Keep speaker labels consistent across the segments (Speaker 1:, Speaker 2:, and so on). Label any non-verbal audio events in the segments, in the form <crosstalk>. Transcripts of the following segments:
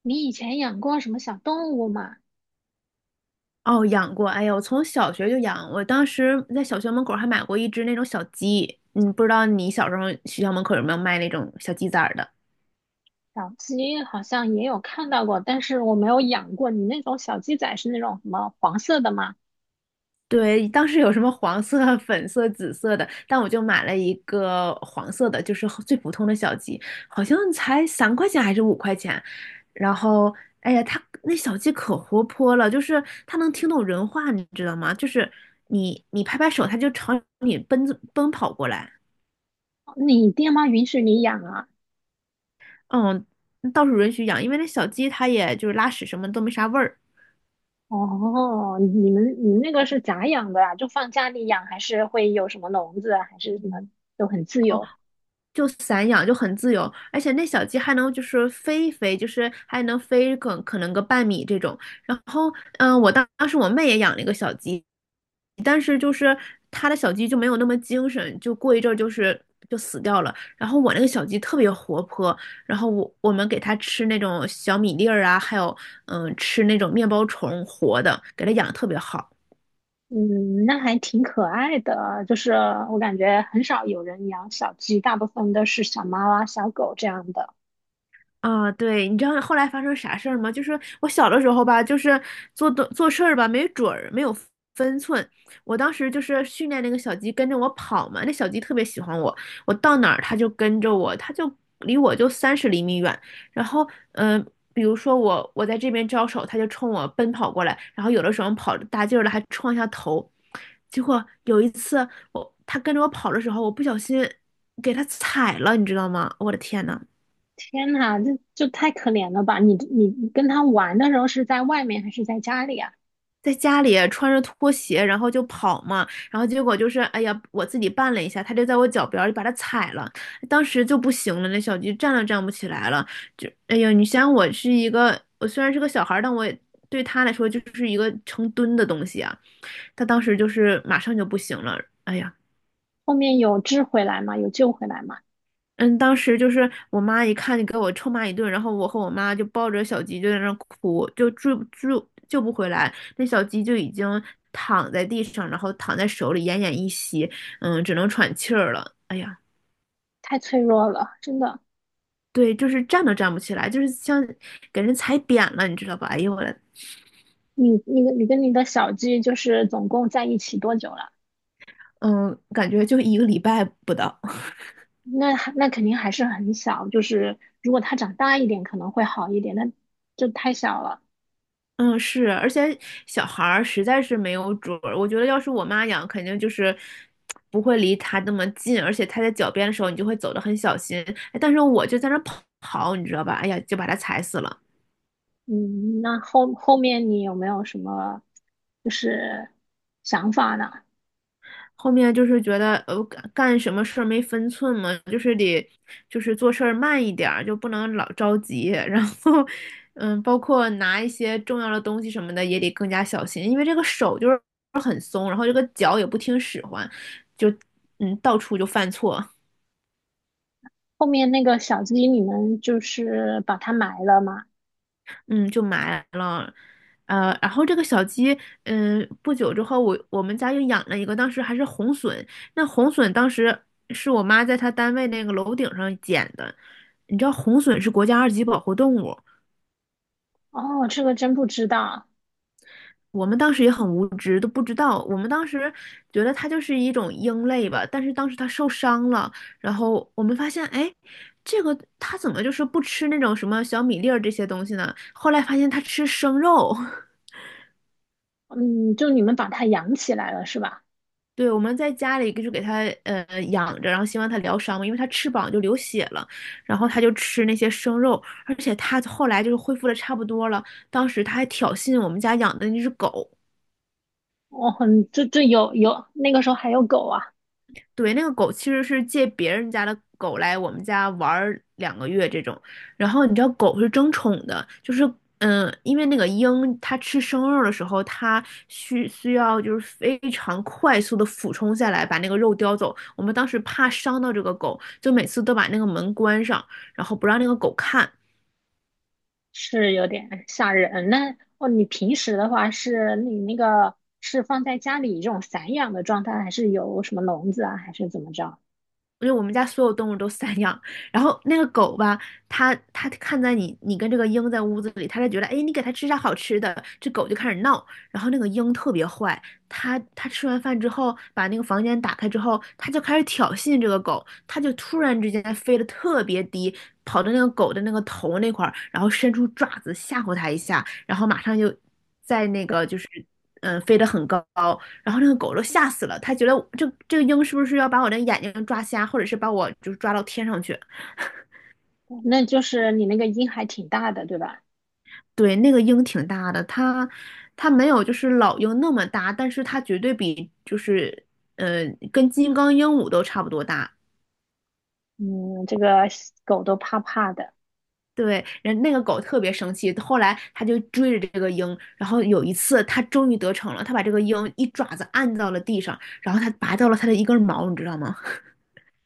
Speaker 1: 你以前养过什么小动物吗？
Speaker 2: 哦，养过，哎呀，我从小学就养，我当时在小学门口还买过一只那种小鸡，不知道你小时候学校门口有没有卖那种小鸡崽儿的？
Speaker 1: 小鸡好像也有看到过，但是我没有养过。你那种小鸡仔是那种什么黄色的吗？
Speaker 2: 对，当时有什么黄色、<laughs> 粉色、紫色的，但我就买了一个黄色的，就是最普通的小鸡，好像才3块钱还是5块钱。然后，哎呀，它那小鸡可活泼了，就是它能听懂人话，你知道吗？就是你拍拍手，它就朝你奔跑过来。
Speaker 1: 你爹妈允许你养啊？
Speaker 2: 嗯，倒是允许养，因为那小鸡它也就是拉屎什么都没啥味儿，
Speaker 1: 哦，你们那个是咋养的啊？就放家里养，还是会有什么笼子啊，还是什么都很自由？
Speaker 2: 就散养就很自由，而且那小鸡还能就是飞一飞，就是还能飞可能个半米这种。然后，我当时我妹也养了一个小鸡，但是就是她的小鸡就没有那么精神，就过一阵儿就是就死掉了。然后我那个小鸡特别活泼，然后我们给它吃那种小米粒儿啊，还有吃那种面包虫活的，给它养得特别好。
Speaker 1: 嗯，那还挺可爱的。就是我感觉很少有人养小鸡，大部分都是小猫啊、小狗这样的。
Speaker 2: 啊，对，你知道后来发生啥事儿吗？就是我小的时候吧，就是做事儿吧，没准儿，没有分寸。我当时就是训练那个小鸡跟着我跑嘛，那小鸡特别喜欢我，我到哪儿它就跟着我，它就离我就30厘米远。然后，嗯、比如说我在这边招手，它就冲我奔跑过来，然后有的时候跑着大劲儿了还撞一下头。结果有一次它跟着我跑的时候，我不小心给它踩了，你知道吗？我的天呐！
Speaker 1: 天呐，这就太可怜了吧！你跟他玩的时候是在外面还是在家里啊？
Speaker 2: 在家里啊穿着拖鞋，然后就跑嘛，然后结果就是，哎呀，我自己绊了一下，他就在我脚边儿就把它踩了，当时就不行了，那小鸡站都站不起来了，就，哎呀，你想我是一个，我虽然是个小孩儿，但我也对他来说就是一个成吨的东西啊，他当时就是马上就不行了，哎呀，
Speaker 1: 后面有治回来吗？有救回来吗？
Speaker 2: 嗯，当时就是我妈一看就给我臭骂一顿，然后我和我妈就抱着小鸡就在那儿哭，就救不回来，那小鸡就已经躺在地上，然后躺在手里奄奄一息，只能喘气儿了。哎呀，
Speaker 1: 太脆弱了，真的。
Speaker 2: 对，就是站都站不起来，就是像给人踩扁了，你知道吧？哎呦我的，
Speaker 1: 你跟你的小鸡就是总共在一起多久了？
Speaker 2: 嗯，感觉就一个礼拜不到。
Speaker 1: 那肯定还是很小，就是如果它长大一点可能会好一点，那就太小了。
Speaker 2: 嗯，是，而且小孩儿实在是没有主儿。我觉得要是我妈养，肯定就是不会离他那么近，而且他在脚边的时候，你就会走得很小心。哎但是我就在那儿跑，你知道吧？哎呀，就把它踩死了。
Speaker 1: 嗯，那后面你有没有什么就是想法呢？
Speaker 2: 后面就是觉得干什么事儿没分寸嘛，就是得就是做事儿慢一点儿，就不能老着急。<laughs> 然后，包括拿一些重要的东西什么的也得更加小心，因为这个手就是很松，然后这个脚也不听使唤，就到处就犯错。
Speaker 1: 后面那个小鸡你们就是把它埋了吗？
Speaker 2: 嗯，就埋了，然后这个小鸡，不久之后我们家又养了一个，当时还是红隼。那红隼当时是我妈在她单位那个楼顶上捡的，你知道红隼是国家二级保护动物，
Speaker 1: 哦，这个真不知道。
Speaker 2: 我们当时也很无知，都不知道。我们当时觉得它就是一种鹰类吧，但是当时它受伤了，然后我们发现，哎，这个它怎么就是不吃那种什么小米粒儿这些东西呢？后来发现它吃生肉。<laughs>
Speaker 1: 嗯，就你们把它养起来了是吧？
Speaker 2: 对，我们在家里就给它养着，然后希望它疗伤嘛，因为它翅膀就流血了，然后它就吃那些生肉，而且它后来就是恢复的差不多了，当时它还挑衅我们家养的那只狗，
Speaker 1: 哦，很，这这有有，那个时候还有狗啊，
Speaker 2: 对，那个狗其实是借别人家的狗来我们家玩儿2个月这种，然后你知道狗是争宠的，就是因为那个鹰它吃生肉的时候，它需要就是非常快速的俯冲下来把那个肉叼走。我们当时怕伤到这个狗，就每次都把那个门关上，然后不让那个狗看。
Speaker 1: 是有点吓人。那哦，你平时的话是你那个是放在家里这种散养的状态，还是有什么笼子啊，还是怎么着？
Speaker 2: 因为我们家所有动物都散养，然后那个狗吧，它看在你跟这个鹰在屋子里，它就觉得，哎，你给它吃啥好吃的，这狗就开始闹。然后那个鹰特别坏，它吃完饭之后，把那个房间打开之后，它就开始挑衅这个狗，它就突然之间飞得特别低，跑到那个狗的那个头那块儿，然后伸出爪子吓唬它一下，然后马上就在那个就是飞得很高，然后那个狗都吓死了，它觉得这个鹰是不是要把我的眼睛抓瞎，或者是把我就是抓到天上去？
Speaker 1: 那就是你那个音还挺大的，对吧？
Speaker 2: 对，那个鹰挺大的，它没有就是老鹰那么大，但是它绝对比就是呃跟金刚鹦鹉都差不多大。
Speaker 1: 嗯，这个狗都怕怕的
Speaker 2: 对，人那个狗特别生气，后来它就追着这个鹰，然后有一次它终于得逞了，它把这个鹰一爪子按到了地上，然后它拔掉了它的一根毛，你知道吗？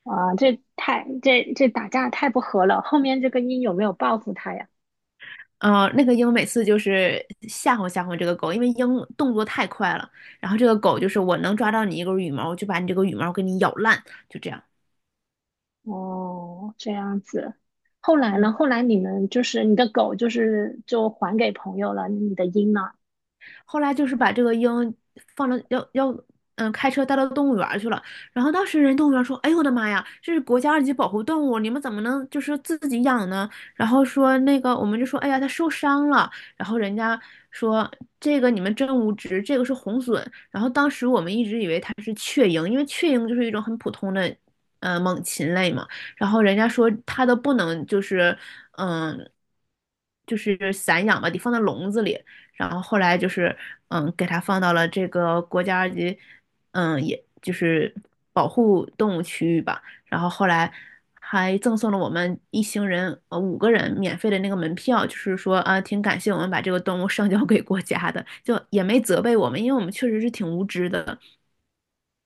Speaker 1: 啊，这太打架太不和了。后面这个音有没有报复它呀？
Speaker 2: 嗯，那个鹰每次就是吓唬吓唬这个狗，因为鹰动作太快了，然后这个狗就是我能抓到你一根羽毛，我就把你这个羽毛给你咬烂，就这样。
Speaker 1: 哦，这样子。后来呢？
Speaker 2: 嗯。
Speaker 1: 后来你们就是你的狗，就是就还给朋友了，你的鹰呢？
Speaker 2: 后来就是把这个鹰放到要要嗯开车带到动物园儿去了。然后当时人动物园说：“哎呦我的妈呀，这是国家二级保护动物，你们怎么能就是自己养呢？”然后说那个我们就说：“哎呀，它受伤了。”然后人家说：“这个你们真无知，这个是红隼。”然后当时我们一直以为它是雀鹰，因为雀鹰就是一种很普通的。猛禽类嘛，然后人家说它都不能就是，嗯，就是散养吧，得放在笼子里。然后后来就是给它放到了这个国家二级，也就是保护动物区域吧。然后后来还赠送了我们一行人五个人免费的那个门票，就是说啊，挺感谢我们把这个动物上交给国家的，就也没责备我们，因为我们确实是挺无知的。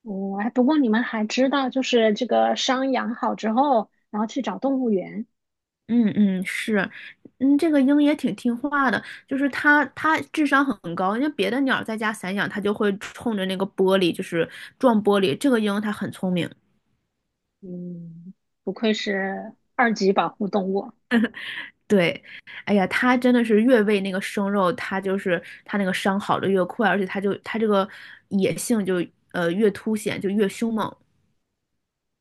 Speaker 1: 哦，哎，不过你们还知道，就是这个伤养好之后，然后去找动物园。
Speaker 2: 嗯嗯，是。嗯，这个鹰也挺听话的，就是它智商很高。因为别的鸟在家散养，它就会冲着那个玻璃，就是撞玻璃。这个鹰它很聪明。
Speaker 1: 嗯，不愧是二级保护动物。
Speaker 2: 对，哎呀，他真的是越喂那个生肉，他就是他那个伤好的越快，而且他这个野性就越凸显，就越凶猛。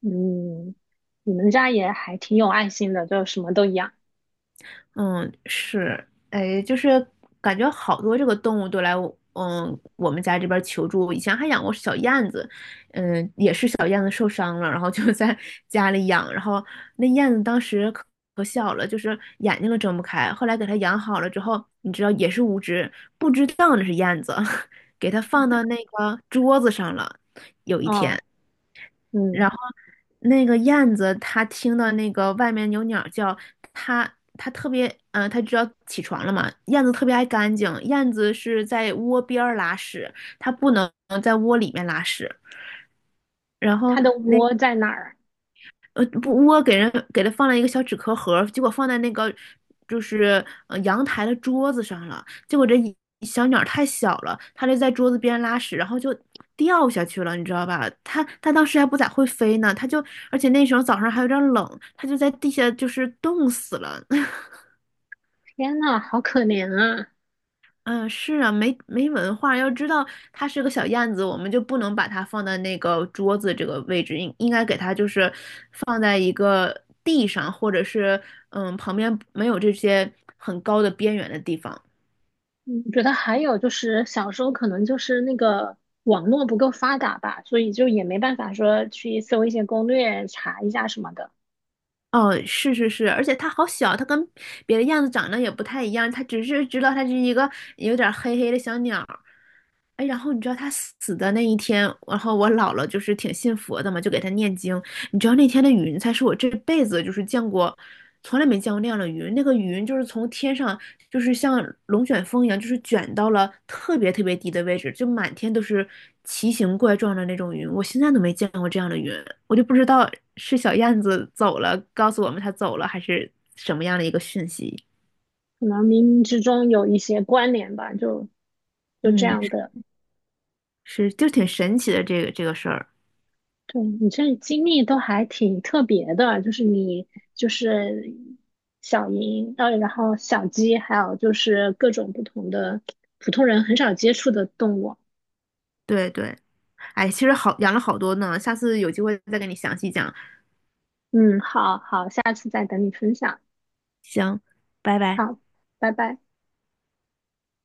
Speaker 1: 嗯，你们家也还挺有爱心的，就什么都养。
Speaker 2: 嗯，是，哎，就是感觉好多这个动物都来我，我们家这边求助。以前还养过小燕子，也是小燕子受伤了，然后就在 <laughs> 家里养，然后那燕子当时可小了，就是眼睛都睁不开。后来给它养好了之后，你知道也是无知，不知道那是燕子，<laughs> 给它放到那个桌子上了。有一
Speaker 1: 哦，
Speaker 2: 天。然
Speaker 1: 嗯，
Speaker 2: 后那个燕子，它听到那个外面有鸟叫，它特别，它知道起床了嘛。燕子特别爱干净，燕子是在窝边儿拉屎，它不能在窝里面拉屎。然后
Speaker 1: 它的窝在哪儿？
Speaker 2: 不，我给他放了一个小纸壳盒儿结果放在那个就是阳台的桌子上了。结果这一小鸟儿太小了，它就在桌子边拉屎，然后就掉下去了，你知道吧？它当时还不咋会飞呢，而且那时候早上还有点儿冷，它就在地下就是冻死了。
Speaker 1: 天呐，好可怜啊！
Speaker 2: 嗯，是啊，没文化，要知道它是个小燕子，我们就不能把它放在那个桌子这个位置，应该给它就是放在一个地上，或者是旁边没有这些很高的边缘的地方。
Speaker 1: 嗯，我觉得还有就是小时候可能就是那个网络不够发达吧，所以就也没办法说去搜一些攻略查一下什么的，
Speaker 2: 哦，是是是，而且它好小，它跟别的燕子长得也不太一样，它只是知道它是一个有点黑黑的小鸟，哎，然后你知道他死的那一天，然后我姥姥就是挺信佛的嘛，就给他念经。你知道那天的云彩是我这辈子就是见过，从来没见过那样的云。那个云就是从天上，就是像龙卷风一样，就是卷到了特别特别低的位置，就满天都是奇形怪状的那种云。我现在都没见过这样的云，我就不知道是小燕子走了，告诉我们它走了，还是什么样的一个讯息。
Speaker 1: 可能冥冥之中有一些关联吧，就就这
Speaker 2: 嗯，
Speaker 1: 样的。
Speaker 2: 是，就挺神奇的这个事儿。
Speaker 1: 对，你这经历都还挺特别的，就是你就是小鹰，然后小鸡，还有就是各种不同的普通人很少接触的动物。
Speaker 2: 对对。哎，其实好养了好多呢，下次有机会再跟你详细讲。
Speaker 1: 嗯，好好，下次再等你分享。
Speaker 2: 行，拜拜。
Speaker 1: 好，拜拜。